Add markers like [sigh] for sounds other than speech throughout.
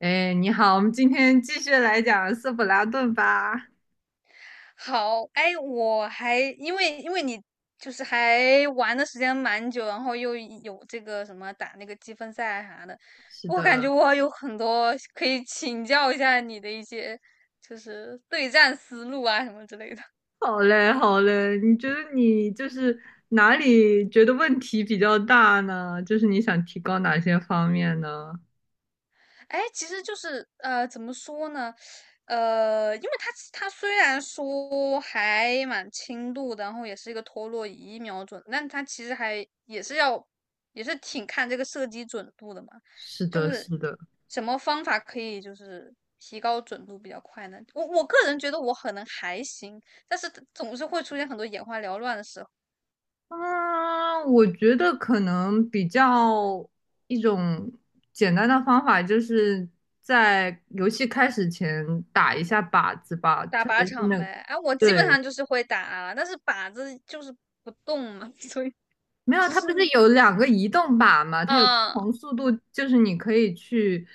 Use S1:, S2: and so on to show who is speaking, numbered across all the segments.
S1: 哎，你好，我们今天继续来讲斯普拉顿吧。
S2: 好，哎，我还因为你就是还玩的时间蛮久，然后又有这个什么打那个积分赛啥的，
S1: 是
S2: 我感
S1: 的，
S2: 觉我有很多可以请教一下你的一些就是对战思路啊什么之类的。
S1: 好嘞，好嘞。你觉得你就是哪里觉得问题比较大呢？就是你想提高哪些方面呢？
S2: 哎，其实就是怎么说呢？因为他虽然说还蛮轻度的，然后也是一个陀螺仪瞄准，但他其实还也是要也是挺看这个射击准度的嘛。
S1: 是
S2: 就
S1: 的，
S2: 是
S1: 是的。
S2: 什么方法可以就是提高准度比较快呢？我个人觉得我可能还行，但是总是会出现很多眼花缭乱的时候。
S1: 嗯，我觉得可能比较一种简单的方法，就是在游戏开始前打一下靶子吧，
S2: 打
S1: 特
S2: 靶
S1: 别是
S2: 场
S1: 那个
S2: 呗，哎、我基本
S1: 对。
S2: 上就是会打，但是靶子就是不动嘛，[laughs] 所以
S1: 没有，
S2: 就
S1: 它不是
S2: 是。
S1: 有两个移动靶吗？它有不
S2: 嗯
S1: 同速度，就是你可以去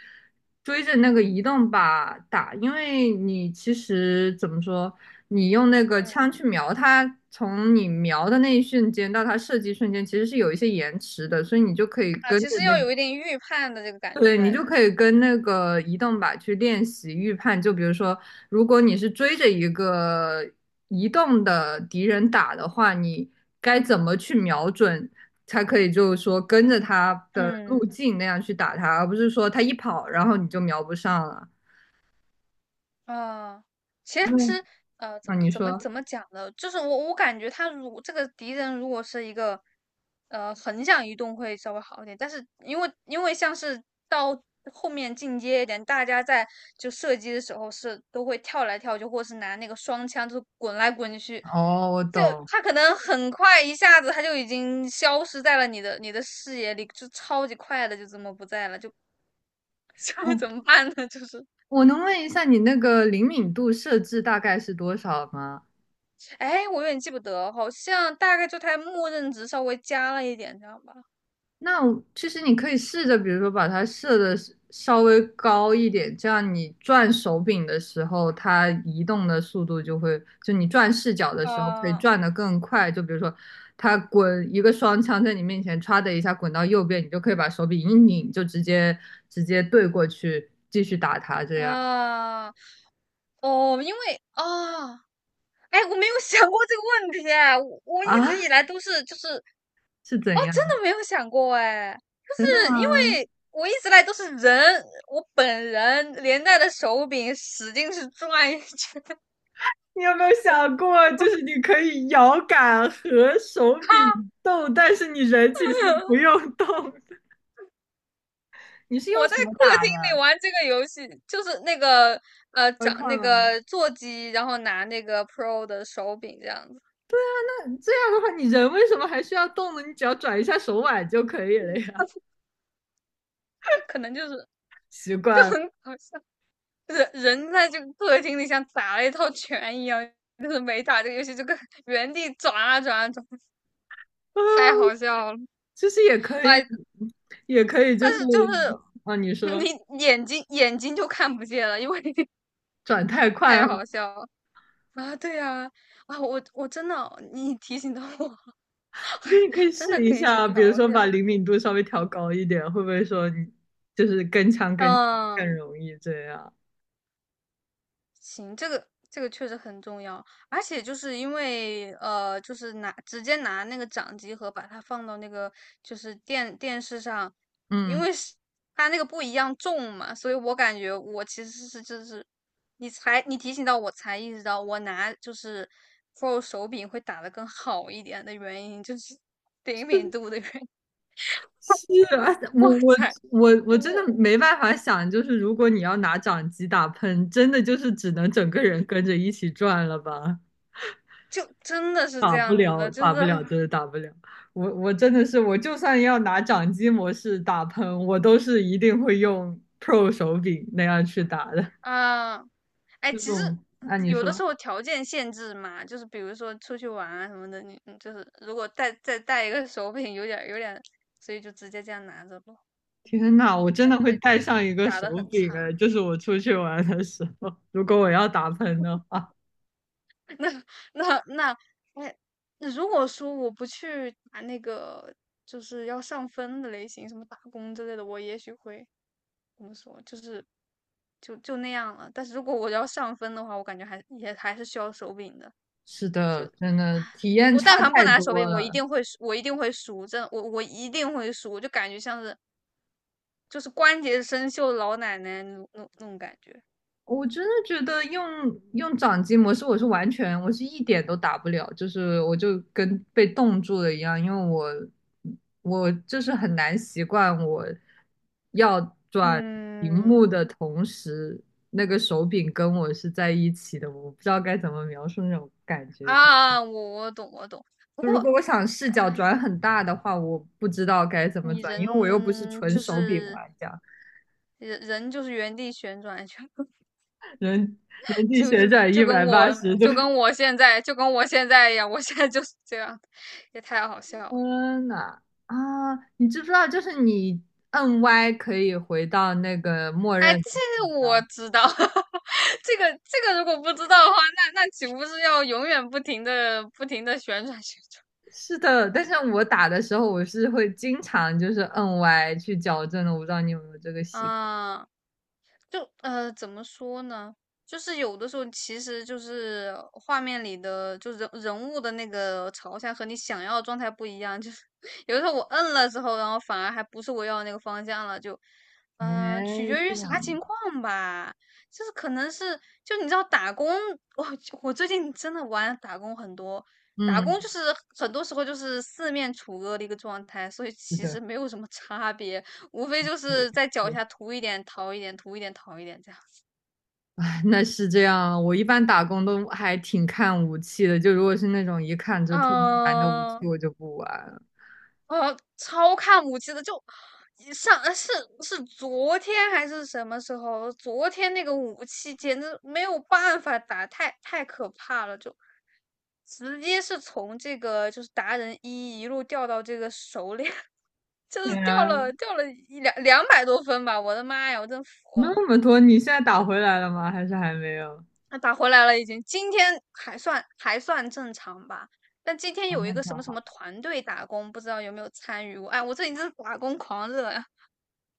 S1: 追着那个移动靶打，因为你其实怎么说，你用那个
S2: 嗯
S1: 枪去瞄它，从你瞄的那一瞬间到它射击瞬间，其实是有一些延迟的，所以你就可以
S2: 啊，
S1: 跟
S2: 其
S1: 着
S2: 实
S1: 那
S2: 要有一点预判的这个感觉
S1: 对，你
S2: 在，
S1: 就
S2: 是吧？
S1: 可以跟那个移动靶去练习预判。就比如说，如果你是追着一个移动的敌人打的话，你该怎么去瞄准，才可以就是说跟着他的路
S2: 嗯。
S1: 径那样去打他，而不是说他一跑，然后你就瞄不上了。
S2: 啊，其
S1: 嗯，
S2: 实，怎
S1: 啊，你
S2: 怎么
S1: 说，
S2: 怎么讲呢？就是我感觉他如这个敌人如果是一个，横向移动会稍微好一点，但是因为像是到后面进阶一点，大家在就射击的时候是都会跳来跳去，或是拿那个双枪就是滚来滚去，
S1: 哦，我
S2: 就
S1: 懂。
S2: 他可能很快一下子他就已经消失在了你的视野里，就超级快的就这么不在了，就 [laughs] 面
S1: 哦，
S2: 怎么办呢？就是。
S1: 我能问一下你那个灵敏度设置大概是多少吗？
S2: 哎，我有点记不得，好像大概就它默认值稍微加了一点，这样吧。
S1: 那我其实你可以试着，比如说把它设的稍微高一点，这样你转手柄的时候，它移动的速度就会，就你转视角的时候可以
S2: 啊
S1: 转得更快。就比如说，它滚一个双枪在你面前，歘的一下滚到右边，你就可以把手柄一拧，就直接对过去继续打它。这样
S2: 啊哦，因为啊，哎，我没有想过这个问题哎，我一直
S1: 啊？
S2: 以来都是就是
S1: 是
S2: 哦，
S1: 怎
S2: 真
S1: 样？
S2: 的没有想过哎，
S1: 真的
S2: 就是因
S1: 吗？
S2: 为我一直来都是人，我本人连带着手柄使劲是转一圈，
S1: 你有没有想过，就是你可以摇杆和手
S2: [laughs] 哈，
S1: 柄动，但是你人其实不用动？你是用
S2: 我在
S1: 什么
S2: 客
S1: 打
S2: 厅
S1: 的？
S2: 里玩这个游戏，就是那个
S1: 回
S2: 掌
S1: 看
S2: 那
S1: 啊，
S2: 个座机，然后拿那个 Pro 的手柄这样子，
S1: 那这样的话，你人为什么还需要动呢？你只要转一下手腕就可以了呀。
S2: [laughs] 可能就是
S1: 习
S2: 就
S1: 惯了，
S2: 很搞笑，就是人在这个客厅里像打了一套拳一样，就是没打这个游戏就跟原地转啊转啊转，太
S1: 啊，
S2: 好笑了。
S1: 其实也可以，
S2: 哎，
S1: 也可以，
S2: 但
S1: 就是
S2: 是就
S1: 啊，你
S2: 是
S1: 说
S2: 你眼睛就看不见了，因为 [laughs]
S1: 转太快了，
S2: 太好笑了啊！对啊，啊，我真的你提醒到我，
S1: 我觉得你可以
S2: 真
S1: 试
S2: 的
S1: 一
S2: 可以去
S1: 下，比如
S2: 调一
S1: 说把
S2: 下。
S1: 灵敏度稍微调高一点，会不会说你就是跟枪跟枪
S2: 嗯，
S1: 更容易这样？
S2: 行，这个确实很重要，而且就是因为就是拿直接拿那个掌机盒把它放到那个就是电视上，因
S1: 嗯。
S2: 为是它那个不一样重嘛，所以我感觉我其实是就是你提醒到我才意识到我拿就是 Pro 手柄会打得更好一点的原因就是灵敏度的原因，
S1: 是啊，
S2: [laughs]
S1: 我
S2: 我
S1: 我
S2: 才
S1: 我我真
S2: 我
S1: 的没办法想，就是如果你要拿掌机打喷，真的就是只能整个人跟着一起转了吧？
S2: 就真的是
S1: 打
S2: 这
S1: 不
S2: 样子
S1: 了，
S2: 的，就
S1: 打
S2: 是
S1: 不了，真的打不了。我我真的是，我就算要拿掌机模式打喷，我都是一定会用 Pro 手柄那样去打的。
S2: 啊。哎，
S1: 这
S2: 其实
S1: 种，按你
S2: 有的时
S1: 说，
S2: 候条件限制嘛，就是比如说出去玩啊什么的，你就是如果再带一个手柄，有点所以就直接这样拿着咯，
S1: 天呐，我真
S2: 那
S1: 的
S2: 就
S1: 会
S2: 会
S1: 带上一个
S2: 打
S1: 手
S2: 得很
S1: 柄哎，
S2: 差。
S1: 就是我出去玩的时候，如果我要打喷的话。
S2: [laughs] 那那那，那如果说我不去打那个就是要上分的类型，什么打工之类的，我也许会怎么说，就是就那样了。但是如果我要上分的话，我感觉还也还是需要手柄的。
S1: 是的，真的体验
S2: 我
S1: 差
S2: 但凡不
S1: 太
S2: 拿手
S1: 多
S2: 柄，我一
S1: 了。
S2: 定会输，我一定会输，真的，我一定会输，就感觉像是就是关节生锈的老奶奶那种感觉。
S1: 我真的觉得用掌机模式，我是完全，我是一点都打不了，就是我就跟被冻住了一样，因为我就是很难习惯我要转屏
S2: 嗯
S1: 幕的同时，那个手柄跟我是在一起的，我不知道该怎么描述那种感觉。就
S2: 啊，啊我懂我懂。不
S1: 就如果
S2: 过，
S1: 我想视
S2: 哎，
S1: 角转很大的话，我不知道该怎么
S2: 你
S1: 转，因为我又不是
S2: 人
S1: 纯
S2: 就
S1: 手柄
S2: 是
S1: 玩家，
S2: 人就是原地旋转，就
S1: 人人体
S2: 就
S1: 旋转一百八十度。
S2: 就跟我现在一样，我现在就是这样，也太好笑了。
S1: 天呐，啊，你知不知道，就是你摁 Y 可以回到那个默
S2: 哎，
S1: 认的。
S2: 这个我知道，[laughs] 这个如果不知道的话，那岂不是要永远不停的不停的旋转旋
S1: 是的，但是我打的时候，我是会经常就是摁 Y 去矫正的。我不知道你有没有这个
S2: 转？
S1: 习惯？
S2: 啊，就怎么说呢？就是有的时候，其实就是画面里的，就人物的那个朝向和你想要的状态不一样。就是 [laughs] 有的时候我摁了之后，然后反而还不是我要的那个方向了，就
S1: 哎，
S2: 取决
S1: 这
S2: 于啥
S1: 样的
S2: 情况吧。就是可能是，就你知道打工，我我最近真的玩打工很多，打
S1: 嗯，
S2: 工就是很多时候就是四面楚歌的一个状态，所以
S1: 是
S2: 其
S1: 的，
S2: 实没有什么差别。无非就
S1: 也
S2: 是在脚
S1: 是，
S2: 下涂一点，逃一点，涂一点，逃一点这样子。
S1: [laughs] 哎那是这样。我一般打工都还挺看武器的，就如果是那种一看就
S2: 嗯、
S1: 特别难的武器，
S2: 哦，
S1: 我就不玩了。
S2: 超看武器的，就上呃是是昨天还是什么时候？昨天那个武器简直没有办法打，太可怕了，就直接是从这个就是达人一路掉到这个熟练，[laughs] 就
S1: 对
S2: 是掉
S1: 啊，
S2: 了掉了一两两百多分吧！我的妈呀，我真服了。
S1: 那么多，你现在打回来了吗？还是还没有？
S2: 他打回来了，已经今天还算正常吧。但今天
S1: 哦，
S2: 有一
S1: 那
S2: 个
S1: 就
S2: 什么什
S1: 好。
S2: 么团队打工，不知道有没有参与过？哎，我这里真是打工狂热呀！[laughs] 啊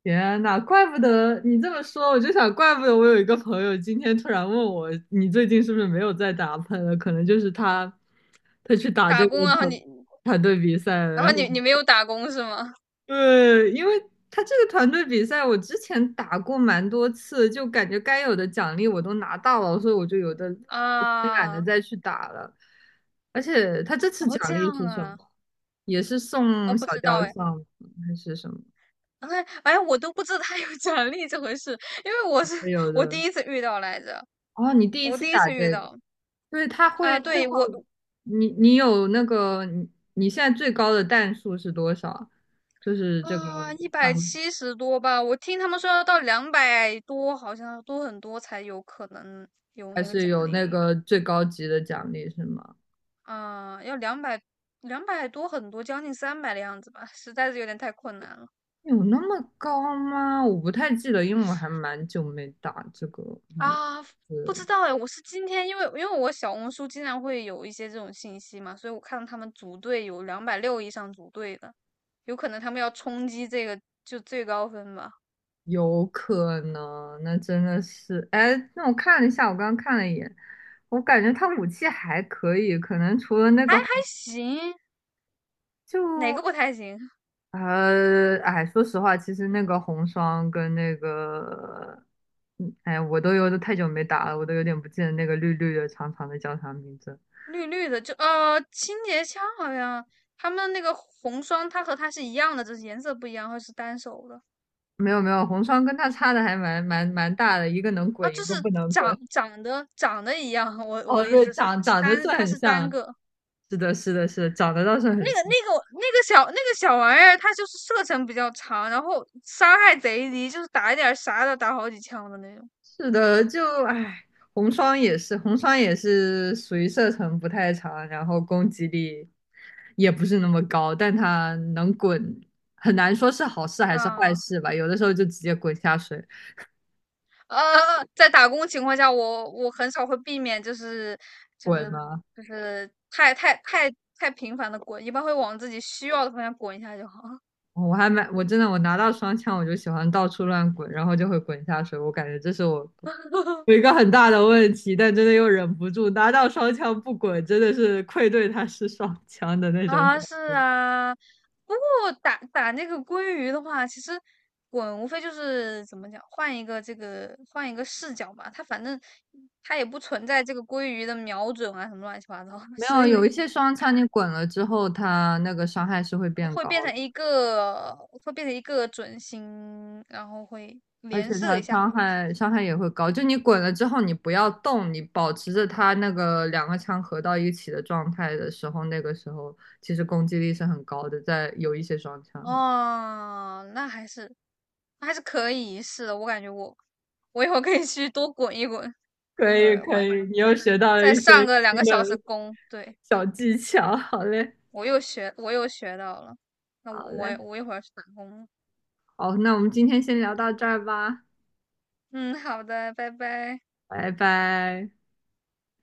S1: 天呐，怪不得你这么说，我就想，怪不得我有一个朋友今天突然问我，你最近是不是没有在打喷了？可能就是他，他去打这
S2: 打
S1: 个
S2: 工啊，然后
S1: 团
S2: 你，
S1: 团队比赛了。
S2: 然
S1: 然
S2: 后
S1: 后，
S2: 你，你没有打工是吗？
S1: 对，因为他这个团队比赛，我之前打过蛮多次，就感觉该有的奖励我都拿到了，所以我就有的懒得
S2: 啊，
S1: 再去打了。而且他这次
S2: 哦，
S1: 奖
S2: 这
S1: 励
S2: 样
S1: 是什
S2: 啊，
S1: 么？也是
S2: 哦，
S1: 送
S2: 不
S1: 小
S2: 知
S1: 雕
S2: 道哎，
S1: 像吗还是什么？
S2: 哎，哎，我都不知道他 [laughs] 有奖励这回事，因为
S1: 没有
S2: 我
S1: 的。
S2: 第一次遇到来着，
S1: 哦，你第一
S2: 我
S1: 次
S2: 第一
S1: 打
S2: 次遇
S1: 这个。
S2: 到
S1: 对，他
S2: 啊。
S1: 会正
S2: 对，
S1: 好，
S2: 我
S1: 你你有那个你你现在最高的弹数是多少？就是这个
S2: 啊，一百
S1: 团
S2: 七十多吧，我听他们说要到两百多，好像多很多才有可能有
S1: 还
S2: 那个
S1: 是
S2: 奖
S1: 有
S2: 励
S1: 那
S2: 来。
S1: 个最高级的奖励是吗？
S2: 啊，要两百多很多，将近300的样子吧，实在是有点太困难了
S1: 有那么高吗？我不太记得，因为我还蛮久没打这个模
S2: 啊！不
S1: 式，
S2: 知道哎，我是今天因为我小红书经常会有一些这种信息嘛，所以我看到他们组队有260以上组队的，有可能他们要冲击这个就最高分吧？
S1: 有可能，那真的是，哎，那我看了一下，我刚刚看了一眼，我感觉他武器还可以，可能除了那
S2: 还
S1: 个
S2: 行，哪个不
S1: 就。
S2: 太行？
S1: 呃，哎，说实话，其实那个红双跟那个，嗯，哎，我都有太久没打了，我都有点不记得那个绿绿的长长的叫啥名字。
S2: 绿绿的，就清洁枪好像他们那个红双，它和它是一样的，只是颜色不一样，或者是单手的
S1: 没有没有，红双跟他差的还蛮大的，一个能
S2: 啊，
S1: 滚，一
S2: 就
S1: 个
S2: 是
S1: 不能
S2: 长
S1: 滚。
S2: 长得长得一样。我
S1: 哦，
S2: 的意
S1: 对，
S2: 思是，
S1: 长
S2: 它是
S1: 长得是
S2: 单它
S1: 很
S2: 是单
S1: 像，
S2: 个
S1: 是的，是的，是的，长得倒是
S2: 那
S1: 很
S2: 个
S1: 像。
S2: 那个那个小那个小玩意儿，它就是射程比较长，然后伤害贼低，就是打一点儿啥的打好几枪的那种
S1: 是的，就唉，红双也是，红双也是属于射程不太长，然后攻击力也不是那么高，但他能滚，很难说是好事还是坏
S2: 啊。
S1: 事吧。有的时候就直接滚下水，
S2: 呃，在打工情况下，我很少会避免，就
S1: 滚
S2: 是
S1: 嘛。
S2: 就是太频繁的滚，一般会往自己需要的方向滚一下就好。[laughs]
S1: 我还蛮，我真的我拿到双枪我就喜欢到处乱滚，然后就会滚下水。我感觉这是我有一个很大的问题，但真的又忍不住拿到双枪不滚，真的是愧对他是双枪的那种
S2: 啊，
S1: 感
S2: 是
S1: 觉。
S2: 啊，不过打打那个鲑鱼的话，其实滚无非就是怎么讲，换一个视角吧。它反正也不存在这个鲑鱼的瞄准啊什么乱七八糟的
S1: 没
S2: 所
S1: 有，
S2: 以
S1: 有一些双枪你滚了之后，它那个伤害是会变
S2: 会
S1: 高
S2: 变
S1: 的，
S2: 成一个会变成一个准星，然后会
S1: 而
S2: 连
S1: 且
S2: 射
S1: 它
S2: 一下，好
S1: 伤
S2: 像。是。
S1: 害伤害也会高。就你滚了之后，你不要动，你保持着它那个两个枪合到一起的状态的时候，那个时候其实攻击力是很高的，在有一些双枪。
S2: 哦，那还是可以，是的，我感觉我一会儿可以去多滚一滚，一
S1: 可
S2: 会
S1: 以
S2: 儿
S1: 可
S2: 晚上
S1: 以，你又
S2: 再
S1: 学到了一
S2: 再
S1: 些
S2: 上个两
S1: 新
S2: 个小
S1: 的
S2: 时工，对，
S1: 小技巧，好嘞。
S2: 我又学到了，那
S1: 好
S2: 我我
S1: 嘞，
S2: 我一会儿去打工了
S1: 好，那我们今天先聊到这儿吧，
S2: 嗯，好的，拜拜。
S1: 拜拜。